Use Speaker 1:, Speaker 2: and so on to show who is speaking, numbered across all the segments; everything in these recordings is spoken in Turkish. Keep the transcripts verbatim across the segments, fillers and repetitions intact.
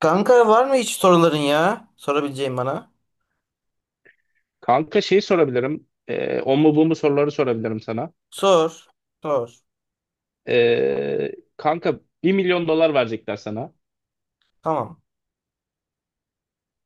Speaker 1: Kanka var mı hiç soruların ya? Sorabileceğin bana.
Speaker 2: Kanka şey sorabilirim. Ee, o mu bu mu soruları sorabilirim sana.
Speaker 1: Sor. Sor.
Speaker 2: Ee, kanka bir milyon dolar verecekler sana.
Speaker 1: Tamam.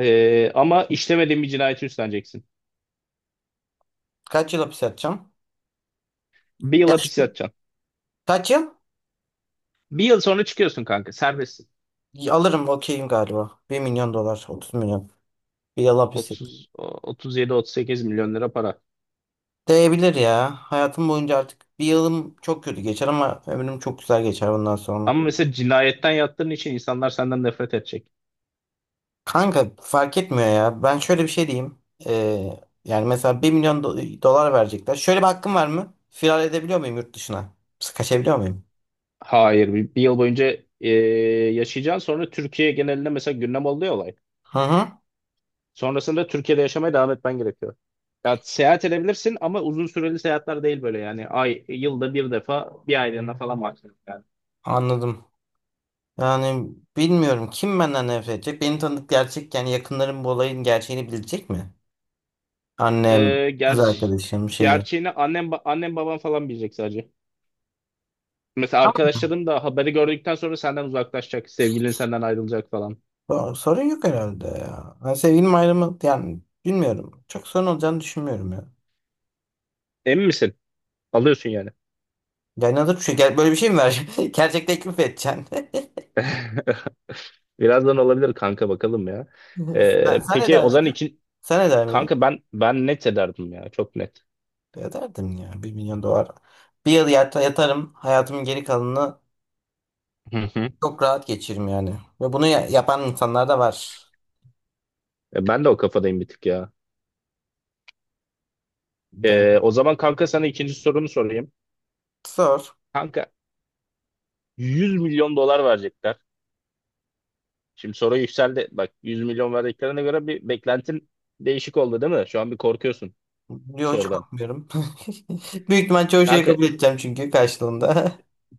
Speaker 2: Ee, ama işlemediğin bir cinayeti üstleneceksin.
Speaker 1: Kaç yıl hapis yatacağım?
Speaker 2: Bir yıl
Speaker 1: Ya
Speaker 2: hapis
Speaker 1: şu-
Speaker 2: yatacaksın.
Speaker 1: kaç yıl?
Speaker 2: Bir yıl sonra çıkıyorsun kanka. Serbestsin.
Speaker 1: Y- Alırım okeyim galiba. Bir milyon dolar. 30 milyon. Bir yıl hapis yatacağım.
Speaker 2: otuz, otuz yediden otuz sekize milyon lira para.
Speaker 1: Değebilir ya. Hayatım boyunca artık bir yılım çok kötü geçer ama ömrüm çok güzel geçer bundan sonra.
Speaker 2: Ama mesela cinayetten yattığın için insanlar senden nefret edecek.
Speaker 1: Kanka fark etmiyor ya. Ben şöyle bir şey diyeyim. Ee, Yani mesela bir milyon do- dolar verecekler. Şöyle bir hakkım var mı? Firar edebiliyor muyum yurt dışına? Kaçabiliyor muyum?
Speaker 2: Hayır. Bir, bir yıl boyunca ee, yaşayacaksın. Sonra Türkiye genelinde mesela gündem oluyor olay.
Speaker 1: Hı hı.
Speaker 2: Sonrasında Türkiye'de yaşamaya devam etmen gerekiyor. Ya seyahat edebilirsin ama uzun süreli seyahatler değil böyle yani. Ay, yılda bir defa bir aylığına falan maksimum yani.
Speaker 1: Anladım. Yani bilmiyorum kim benden nefret edecek. Beni tanıdık gerçek yani yakınlarım bu olayın gerçeğini bilecek mi? Annem,
Speaker 2: Ee,
Speaker 1: kız
Speaker 2: ger
Speaker 1: arkadaşım şeyi.
Speaker 2: gerçeğini annem, ba- annem babam falan bilecek sadece. Mesela arkadaşların da haberi gördükten sonra senden uzaklaşacak. Sevgilin senden ayrılacak falan.
Speaker 1: O- Sorun yok herhalde ya. Yani sevgilim ayrımı yani bilmiyorum. Çok sorun olacağını düşünmüyorum ya.
Speaker 2: Emin misin? Alıyorsun yani.
Speaker 1: Yani hazır bir şey. Gel, böyle bir şey mi ver? Gerçek teklif edeceksin.
Speaker 2: Birazdan olabilir kanka bakalım ya. Ee,
Speaker 1: Sen, sen
Speaker 2: peki
Speaker 1: eder
Speaker 2: Ozan
Speaker 1: miydin?
Speaker 2: için
Speaker 1: Sen eder miydin?
Speaker 2: kanka ben ben net ederdim ya çok net.
Speaker 1: Ederdim ya. Bir milyon dolar. Bir yıl yata- yatarım. Hayatımın geri kalanını
Speaker 2: Hı hı.
Speaker 1: çok rahat geçiririm yani. Ve bunu ya- yapan insanlar da var.
Speaker 2: E, Ben de o kafadayım bir tık ya. Ee,
Speaker 1: Yani
Speaker 2: o zaman kanka sana ikinci sorumu sorayım.
Speaker 1: zor.
Speaker 2: Kanka yüz milyon dolar verecekler. Şimdi soru yükseldi. Bak yüz milyon verdiklerine göre bir beklentin değişik oldu değil mi? Şu an bir korkuyorsun
Speaker 1: Yok, hiç
Speaker 2: sorudan.
Speaker 1: korkmuyorum. Büyük ihtimal çoğu şeyi
Speaker 2: Kanka
Speaker 1: kabul edeceğim çünkü karşılığında.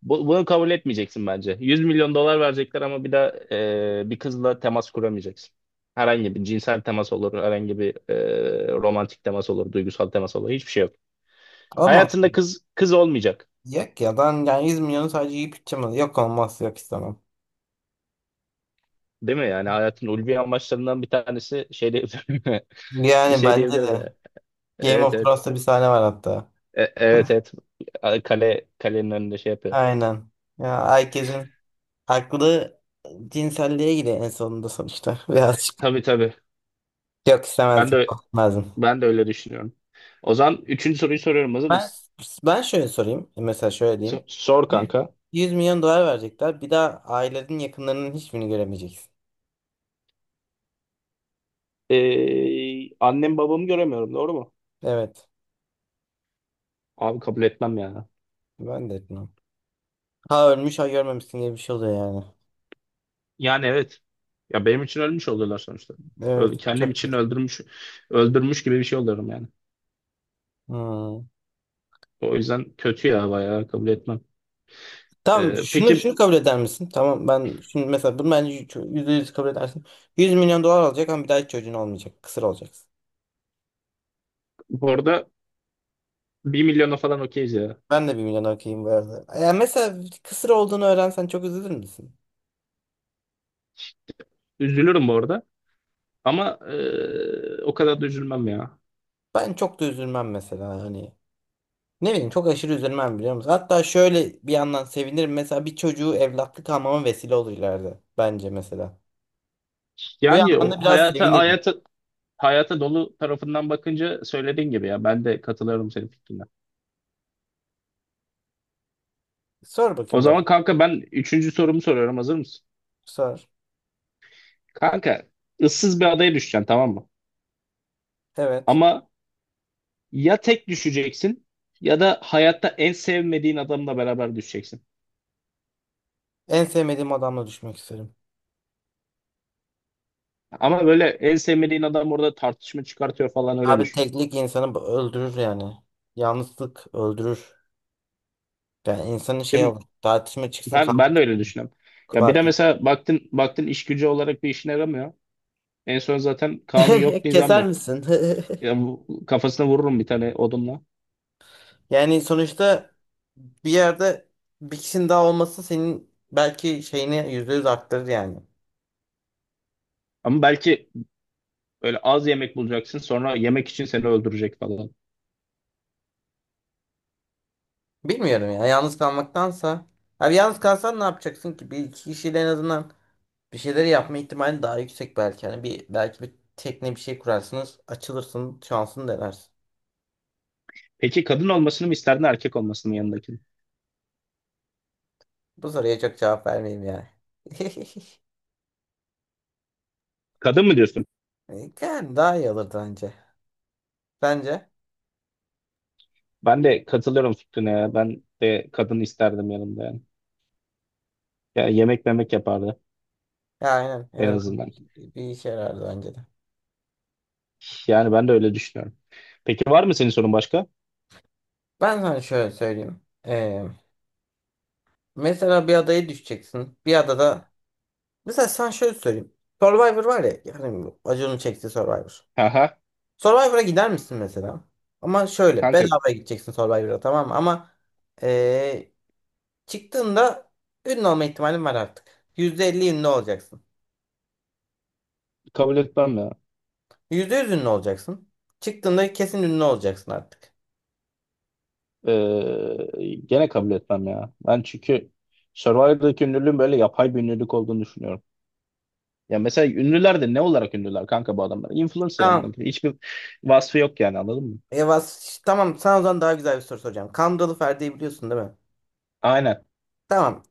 Speaker 2: bu- bunu kabul etmeyeceksin bence. yüz milyon dolar verecekler ama bir daha e, bir kızla temas kuramayacaksın. Herhangi bir cinsel temas olur, herhangi bir e, romantik temas olur, duygusal temas olur. Hiçbir şey yok.
Speaker 1: Ama
Speaker 2: Hayatında kız kız olmayacak.
Speaker 1: yok ya, ben yani yüz milyonu sadece yiyip içeceğim. Yok, olmaz, yok istemem.
Speaker 2: Değil mi? Yani hayatın ulvi amaçlarından bir tanesi şey diyebilir
Speaker 1: Yani
Speaker 2: şey
Speaker 1: bence
Speaker 2: diyebiliriz
Speaker 1: de.
Speaker 2: yani.
Speaker 1: Game
Speaker 2: Evet
Speaker 1: of
Speaker 2: evet.
Speaker 1: Thrones'ta bir sahne var hatta.
Speaker 2: E- evet evet. Kale kalenin önünde şey yapıyor.
Speaker 1: Aynen. Ya, herkesin aklı cinselliğe gidiyor en sonunda sonuçta. Birazcık.
Speaker 2: Tabii tabii.
Speaker 1: Yok,
Speaker 2: Ben
Speaker 1: istemezdim.
Speaker 2: de
Speaker 1: Korkmazdım.
Speaker 2: ben de öyle düşünüyorum. O zaman üçüncü soruyu soruyorum. Hazır
Speaker 1: Ben,
Speaker 2: mısın?
Speaker 1: ben şöyle sorayım. Mesela şöyle diyeyim.
Speaker 2: So- sor kanka.
Speaker 1: yüz milyon dolar verecekler. Bir daha ailenin yakınlarının hiçbirini göremeyeceksin.
Speaker 2: Ee, annem babamı göremiyorum. Doğru mu?
Speaker 1: Evet.
Speaker 2: Abi kabul etmem ya.
Speaker 1: Ben de etmem. Ha ölmüş ha görmemişsin gibi bir şey oluyor yani.
Speaker 2: Yani evet. Ya benim için ölmüş oluyorlar sonuçta. Ö-
Speaker 1: Evet,
Speaker 2: Kendim
Speaker 1: çok
Speaker 2: için
Speaker 1: kötü.
Speaker 2: öldürmüş öldürmüş gibi bir şey oluyorum yani.
Speaker 1: Hmm.
Speaker 2: O yüzden kötü ya bayağı kabul etmem.
Speaker 1: Tamam,
Speaker 2: Ee,
Speaker 1: şunu
Speaker 2: peki
Speaker 1: şunu kabul eder misin? Tamam, ben şimdi mesela bunu bence yüzde yüz kabul edersin. yüz milyon dolar alacak ama bir daha hiç çocuğun olmayacak. Kısır olacaksın.
Speaker 2: bu arada bir milyona falan okeyiz ya.
Speaker 1: Ben de bir milyon okeyim bu arada. Ya mesela kısır olduğunu öğrensen çok üzülür müsün?
Speaker 2: Üzülürüm bu arada. Ama e, o kadar da üzülmem ya.
Speaker 1: Ben çok da üzülmem mesela hani. Ne bileyim, çok aşırı üzülmem biliyor musun? Hatta şöyle bir yandan sevinirim. Mesela bir çocuğu evlatlık almama vesile olur ileride. Bence mesela. Bu
Speaker 2: Yani
Speaker 1: yandan
Speaker 2: o
Speaker 1: da biraz
Speaker 2: hayata
Speaker 1: sevinirim.
Speaker 2: hayata hayata dolu tarafından bakınca söylediğin gibi ya ben de katılıyorum senin fikrine.
Speaker 1: Sor
Speaker 2: O
Speaker 1: bakayım bak.
Speaker 2: zaman kanka ben üçüncü sorumu soruyorum hazır mısın?
Speaker 1: Sor.
Speaker 2: Kanka ıssız bir adaya düşeceksin tamam mı?
Speaker 1: Evet.
Speaker 2: Ama ya tek düşeceksin ya da hayatta en sevmediğin adamla beraber düşeceksin.
Speaker 1: En sevmediğim adamla düşmek isterim.
Speaker 2: Ama böyle en sevmediğin adam orada tartışma çıkartıyor falan öyle
Speaker 1: Abi
Speaker 2: düşün.
Speaker 1: teklik insanı b- öldürür yani. Yalnızlık öldürür. Yani insanın
Speaker 2: Değil
Speaker 1: şey
Speaker 2: mi?
Speaker 1: olur. Tartışma çıksın,
Speaker 2: Ben,
Speaker 1: kavga
Speaker 2: ben de öyle
Speaker 1: çıksın.
Speaker 2: düşünüyorum. Ya bir de
Speaker 1: Fark et.
Speaker 2: mesela baktın baktın iş gücü olarak bir işine yaramıyor. En son zaten kanun yok, nizam
Speaker 1: Keser
Speaker 2: yok.
Speaker 1: misin?
Speaker 2: Ya bu, kafasına vururum bir tane odunla.
Speaker 1: Yani sonuçta bir yerde bir kişinin daha olması senin belki şeyini yüzde yüz arttırır yani.
Speaker 2: Ama belki böyle az yemek bulacaksın sonra yemek için seni öldürecek falan.
Speaker 1: Bilmiyorum ya. Yalnız kalmaktansa. Abi, yalnız kalsan ne yapacaksın ki? Bir iki kişiyle en azından bir şeyleri yapma ihtimali daha yüksek belki. Yani bir belki bir tekne bir şey kurarsınız, açılırsın, şansını denersin.
Speaker 2: Peki kadın olmasını mı isterdin erkek olmasını mı yanındakinin?
Speaker 1: Bu soruya çok cevap vermeyeyim yani.
Speaker 2: Kadın mı diyorsun?
Speaker 1: Yani daha iyi olurdu bence. Bence.
Speaker 2: Ben de katılıyorum fikrine ya. Ben de kadın isterdim yanımda yani. Ya yemek memek yapardı
Speaker 1: Ya aynen. En
Speaker 2: en
Speaker 1: azından
Speaker 2: azından.
Speaker 1: bir, bir işe yarardı bence de.
Speaker 2: Yani ben de öyle düşünüyorum. Peki var mı senin sorun başka?
Speaker 1: Ben sana şöyle söyleyeyim. Ee, Mesela bir adaya düşeceksin. Bir adada. Mesela sen şöyle söyleyeyim. Survivor var ya. Yani bu Acun'un çektiği Survivor.
Speaker 2: Haha.
Speaker 1: Survivor'a gider misin mesela? Ama şöyle.
Speaker 2: Kanka
Speaker 1: Bedavaya gideceksin Survivor'a, tamam mı? Ama ee, çıktığında ünlü olma ihtimalin var artık. yüzde elli ünlü olacaksın.
Speaker 2: kabul etmem ya.
Speaker 1: Yüzde yüz ünlü olacaksın. Çıktığında kesin ünlü olacaksın artık.
Speaker 2: Ee, gene kabul etmem ya. Ben çünkü Survivor'daki ünlülüğün böyle yapay bir ünlülük olduğunu düşünüyorum. Ya mesela ünlüler de ne olarak ünlüler kanka bu adamlar? Influencer amına
Speaker 1: Tamam.
Speaker 2: koyayım. Hiçbir vasfı yok yani anladın mı?
Speaker 1: Yavaş. Tamam. Sana o zaman daha güzel bir soru soracağım. Kandıralı Ferdi'yi biliyorsun değil mi?
Speaker 2: Aynen.
Speaker 1: Tamam.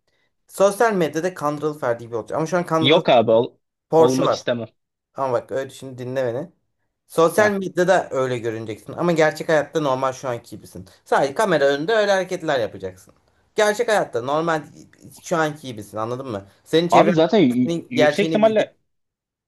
Speaker 1: Sosyal medyada Kandıralı Ferdi gibi olacak. Ama şu an Kandıralı
Speaker 2: Yok abi ol-
Speaker 1: Porsche'u
Speaker 2: olmak
Speaker 1: var.
Speaker 2: istemem.
Speaker 1: Ama bak öyle, şimdi dinle beni. Sosyal
Speaker 2: Heh.
Speaker 1: medyada öyle görüneceksin. Ama gerçek hayatta normal şu anki gibisin. Sadece kamera önünde öyle hareketler yapacaksın. Gerçek hayatta normal şu anki gibisin, anladın mı? Senin
Speaker 2: Abi
Speaker 1: çevren
Speaker 2: zaten y-
Speaker 1: senin
Speaker 2: yüksek
Speaker 1: gerçeğini bilecek.
Speaker 2: ihtimalle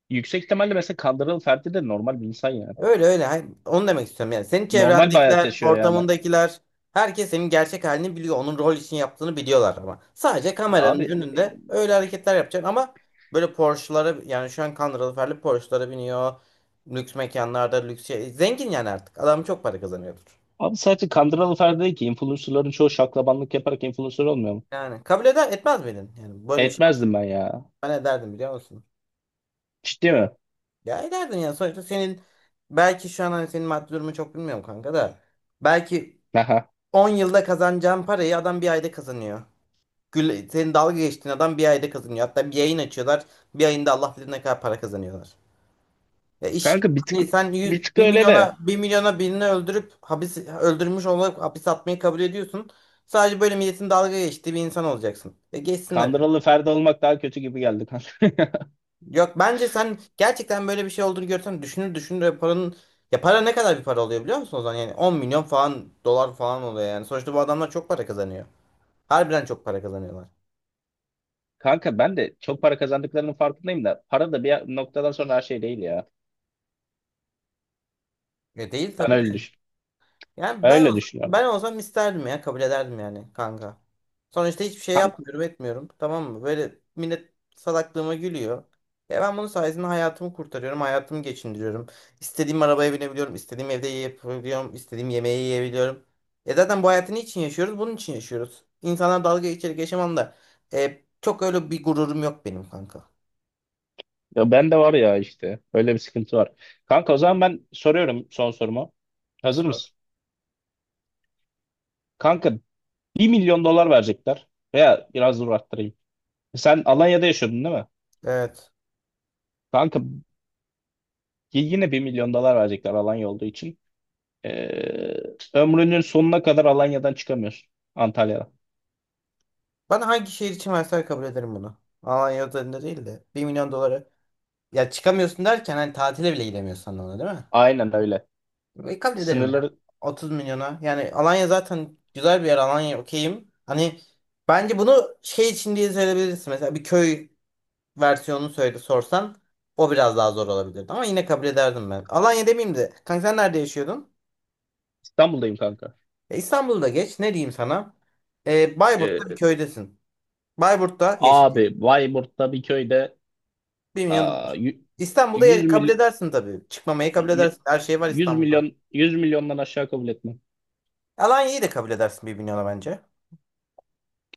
Speaker 2: yüksek ihtimalle mesela Kandırıl Ferdi de normal bir insan yani.
Speaker 1: Öyle öyle. Hayır, onu demek istiyorum yani. Senin
Speaker 2: Normal bir hayat
Speaker 1: çevrendekiler,
Speaker 2: yaşıyor yani.
Speaker 1: ortamındakiler, herkes senin gerçek halini biliyor. Onun rol için yaptığını biliyorlar ama. Sadece kameranın
Speaker 2: Abi
Speaker 1: önünde öyle hareketler yapacaksın ama böyle Porsche'lara, yani şu an Conor Alper'li Porsche'lara biniyor. Lüks mekanlarda lüks şey. Zengin yani artık. Adam çok para kazanıyordur.
Speaker 2: abi sadece Kandıralı Ferdi değil ki influencerların çoğu şaklabanlık yaparak influencer olmuyor mu?
Speaker 1: Yani kabul eder etmez miydin? Yani böyle bir şey olsa,
Speaker 2: Etmezdim ben ya.
Speaker 1: ben ederdim biliyor musun?
Speaker 2: Ciddi mi?
Speaker 1: Ya ederdin yani, sonuçta senin belki şu an, hani senin maddi durumu çok bilmiyorum kanka da belki on yılda kazanacağın parayı adam bir ayda kazanıyor. Gül, senin dalga geçtiğin adam bir ayda kazanıyor. Hatta bir yayın açıyorlar. Bir ayında Allah bilir ne kadar para kazanıyorlar. Ya iş
Speaker 2: Kanka bir tık,
Speaker 1: hani, sen
Speaker 2: bir
Speaker 1: yüz,
Speaker 2: tık
Speaker 1: 1
Speaker 2: öyle
Speaker 1: milyona
Speaker 2: de
Speaker 1: 1 milyona birini öldürüp hapis, öldürmüş olarak hapis atmayı kabul ediyorsun. Sadece böyle milletin dalga geçtiği bir insan olacaksın. Ya geçsinler.
Speaker 2: kandıralı Ferdi olmak daha kötü gibi geldi kanka.
Speaker 1: Yok, bence sen gerçekten böyle bir şey olduğunu görsen düşünür düşünür ya paranın, ya para ne kadar bir para oluyor biliyor musun o zaman? Yani 10 milyon falan dolar falan oluyor yani. Sonuçta bu adamlar çok para kazanıyor. Harbiden çok para kazanıyorlar.
Speaker 2: Kanka ben de çok para kazandıklarının farkındayım da para da bir noktadan sonra her şey değil ya.
Speaker 1: Ya değil
Speaker 2: Ben
Speaker 1: tabii
Speaker 2: öyle
Speaker 1: de.
Speaker 2: düşün.
Speaker 1: Yani
Speaker 2: Ben
Speaker 1: ben
Speaker 2: öyle
Speaker 1: olsam,
Speaker 2: düşünüyorum.
Speaker 1: ben olsam isterdim ya, kabul ederdim yani kanka. Sonuçta hiçbir şey
Speaker 2: Kanka,
Speaker 1: yapmıyorum etmiyorum, tamam mı? Böyle millet salaklığıma gülüyor. Ya ben bunun sayesinde hayatımı kurtarıyorum, hayatımı geçindiriyorum. İstediğim arabaya binebiliyorum, istediğim evde yiyebiliyorum, istediğim yemeği yiyebiliyorum. E zaten bu hayatı niçin yaşıyoruz? Bunun için yaşıyoruz. İnsanlar dalga geçerek yaşamam da e, çok öyle bir gururum yok benim kanka.
Speaker 2: ya ben de var ya işte. Öyle bir sıkıntı var. Kanka o zaman ben soruyorum son sorumu. Hazır
Speaker 1: Sor.
Speaker 2: mısın? Kanka bir milyon dolar verecekler. Veya biraz dur arttırayım. Sen Alanya'da yaşıyordun değil mi?
Speaker 1: Evet.
Speaker 2: Kanka y- yine bir milyon dolar verecekler Alanya olduğu için. Ee, Ömrünün sonuna kadar Alanya'dan çıkamıyorsun. Antalya'dan.
Speaker 1: Bana hangi şehir için verseler kabul ederim bunu. Alanya özelinde değil de bir milyon dolara. Ya çıkamıyorsun derken hani tatile bile gidemiyorsun anlamına değil mi?
Speaker 2: Aynen öyle.
Speaker 1: E, kabul ederim ya.
Speaker 2: Sınırları
Speaker 1: 30 milyona. Yani Alanya zaten güzel bir yer. Alanya okeyim. Hani bence bunu şey için diye söyleyebilirsin. Mesela bir köy versiyonunu söyle sorsan o biraz daha zor olabilirdi. Ama yine kabul ederdim ben. Alanya demeyeyim de. Kanka, sen nerede yaşıyordun?
Speaker 2: İstanbul'dayım kanka.
Speaker 1: E, İstanbul'da geç. Ne diyeyim sana? E, Bayburt'ta bir
Speaker 2: Ee,
Speaker 1: köydesin. Bayburt'ta yeşil.
Speaker 2: Abi Bayburt'ta bir köyde
Speaker 1: bir milyon dolar milyon
Speaker 2: aa,
Speaker 1: dolar.
Speaker 2: yü-
Speaker 1: İstanbul'da
Speaker 2: yüz
Speaker 1: ya- kabul
Speaker 2: mil,
Speaker 1: edersin tabii. Çıkmamayı kabul
Speaker 2: yü-
Speaker 1: edersin. Her şey var
Speaker 2: yüz
Speaker 1: İstanbul'da.
Speaker 2: milyon yüz milyondan aşağı kabul etmem.
Speaker 1: Alanya'yı da kabul edersin bir milyona bence.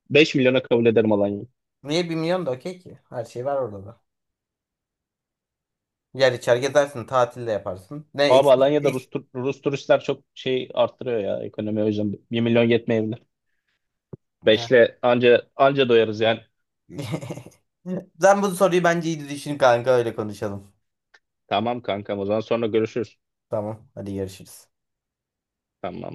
Speaker 2: beş milyona kabul ederim Alanya'yı.
Speaker 1: Niye bir milyon da okey ki? Her şey var orada da. Yer içer gezersin, tatil de yaparsın. Ne
Speaker 2: Abi
Speaker 1: eksik
Speaker 2: Alanya'da
Speaker 1: eksik.
Speaker 2: Rus, tur- Rus turistler çok şey arttırıyor ya ekonomi o yüzden bir milyon yetmeyebilir.
Speaker 1: Ya.
Speaker 2: Beşle anca anca doyarız yani.
Speaker 1: Sen bu soruyu bence iyi düşün kanka, öyle konuşalım.
Speaker 2: Tamam kankam o zaman sonra görüşürüz.
Speaker 1: Tamam, hadi görüşürüz.
Speaker 2: Tamam.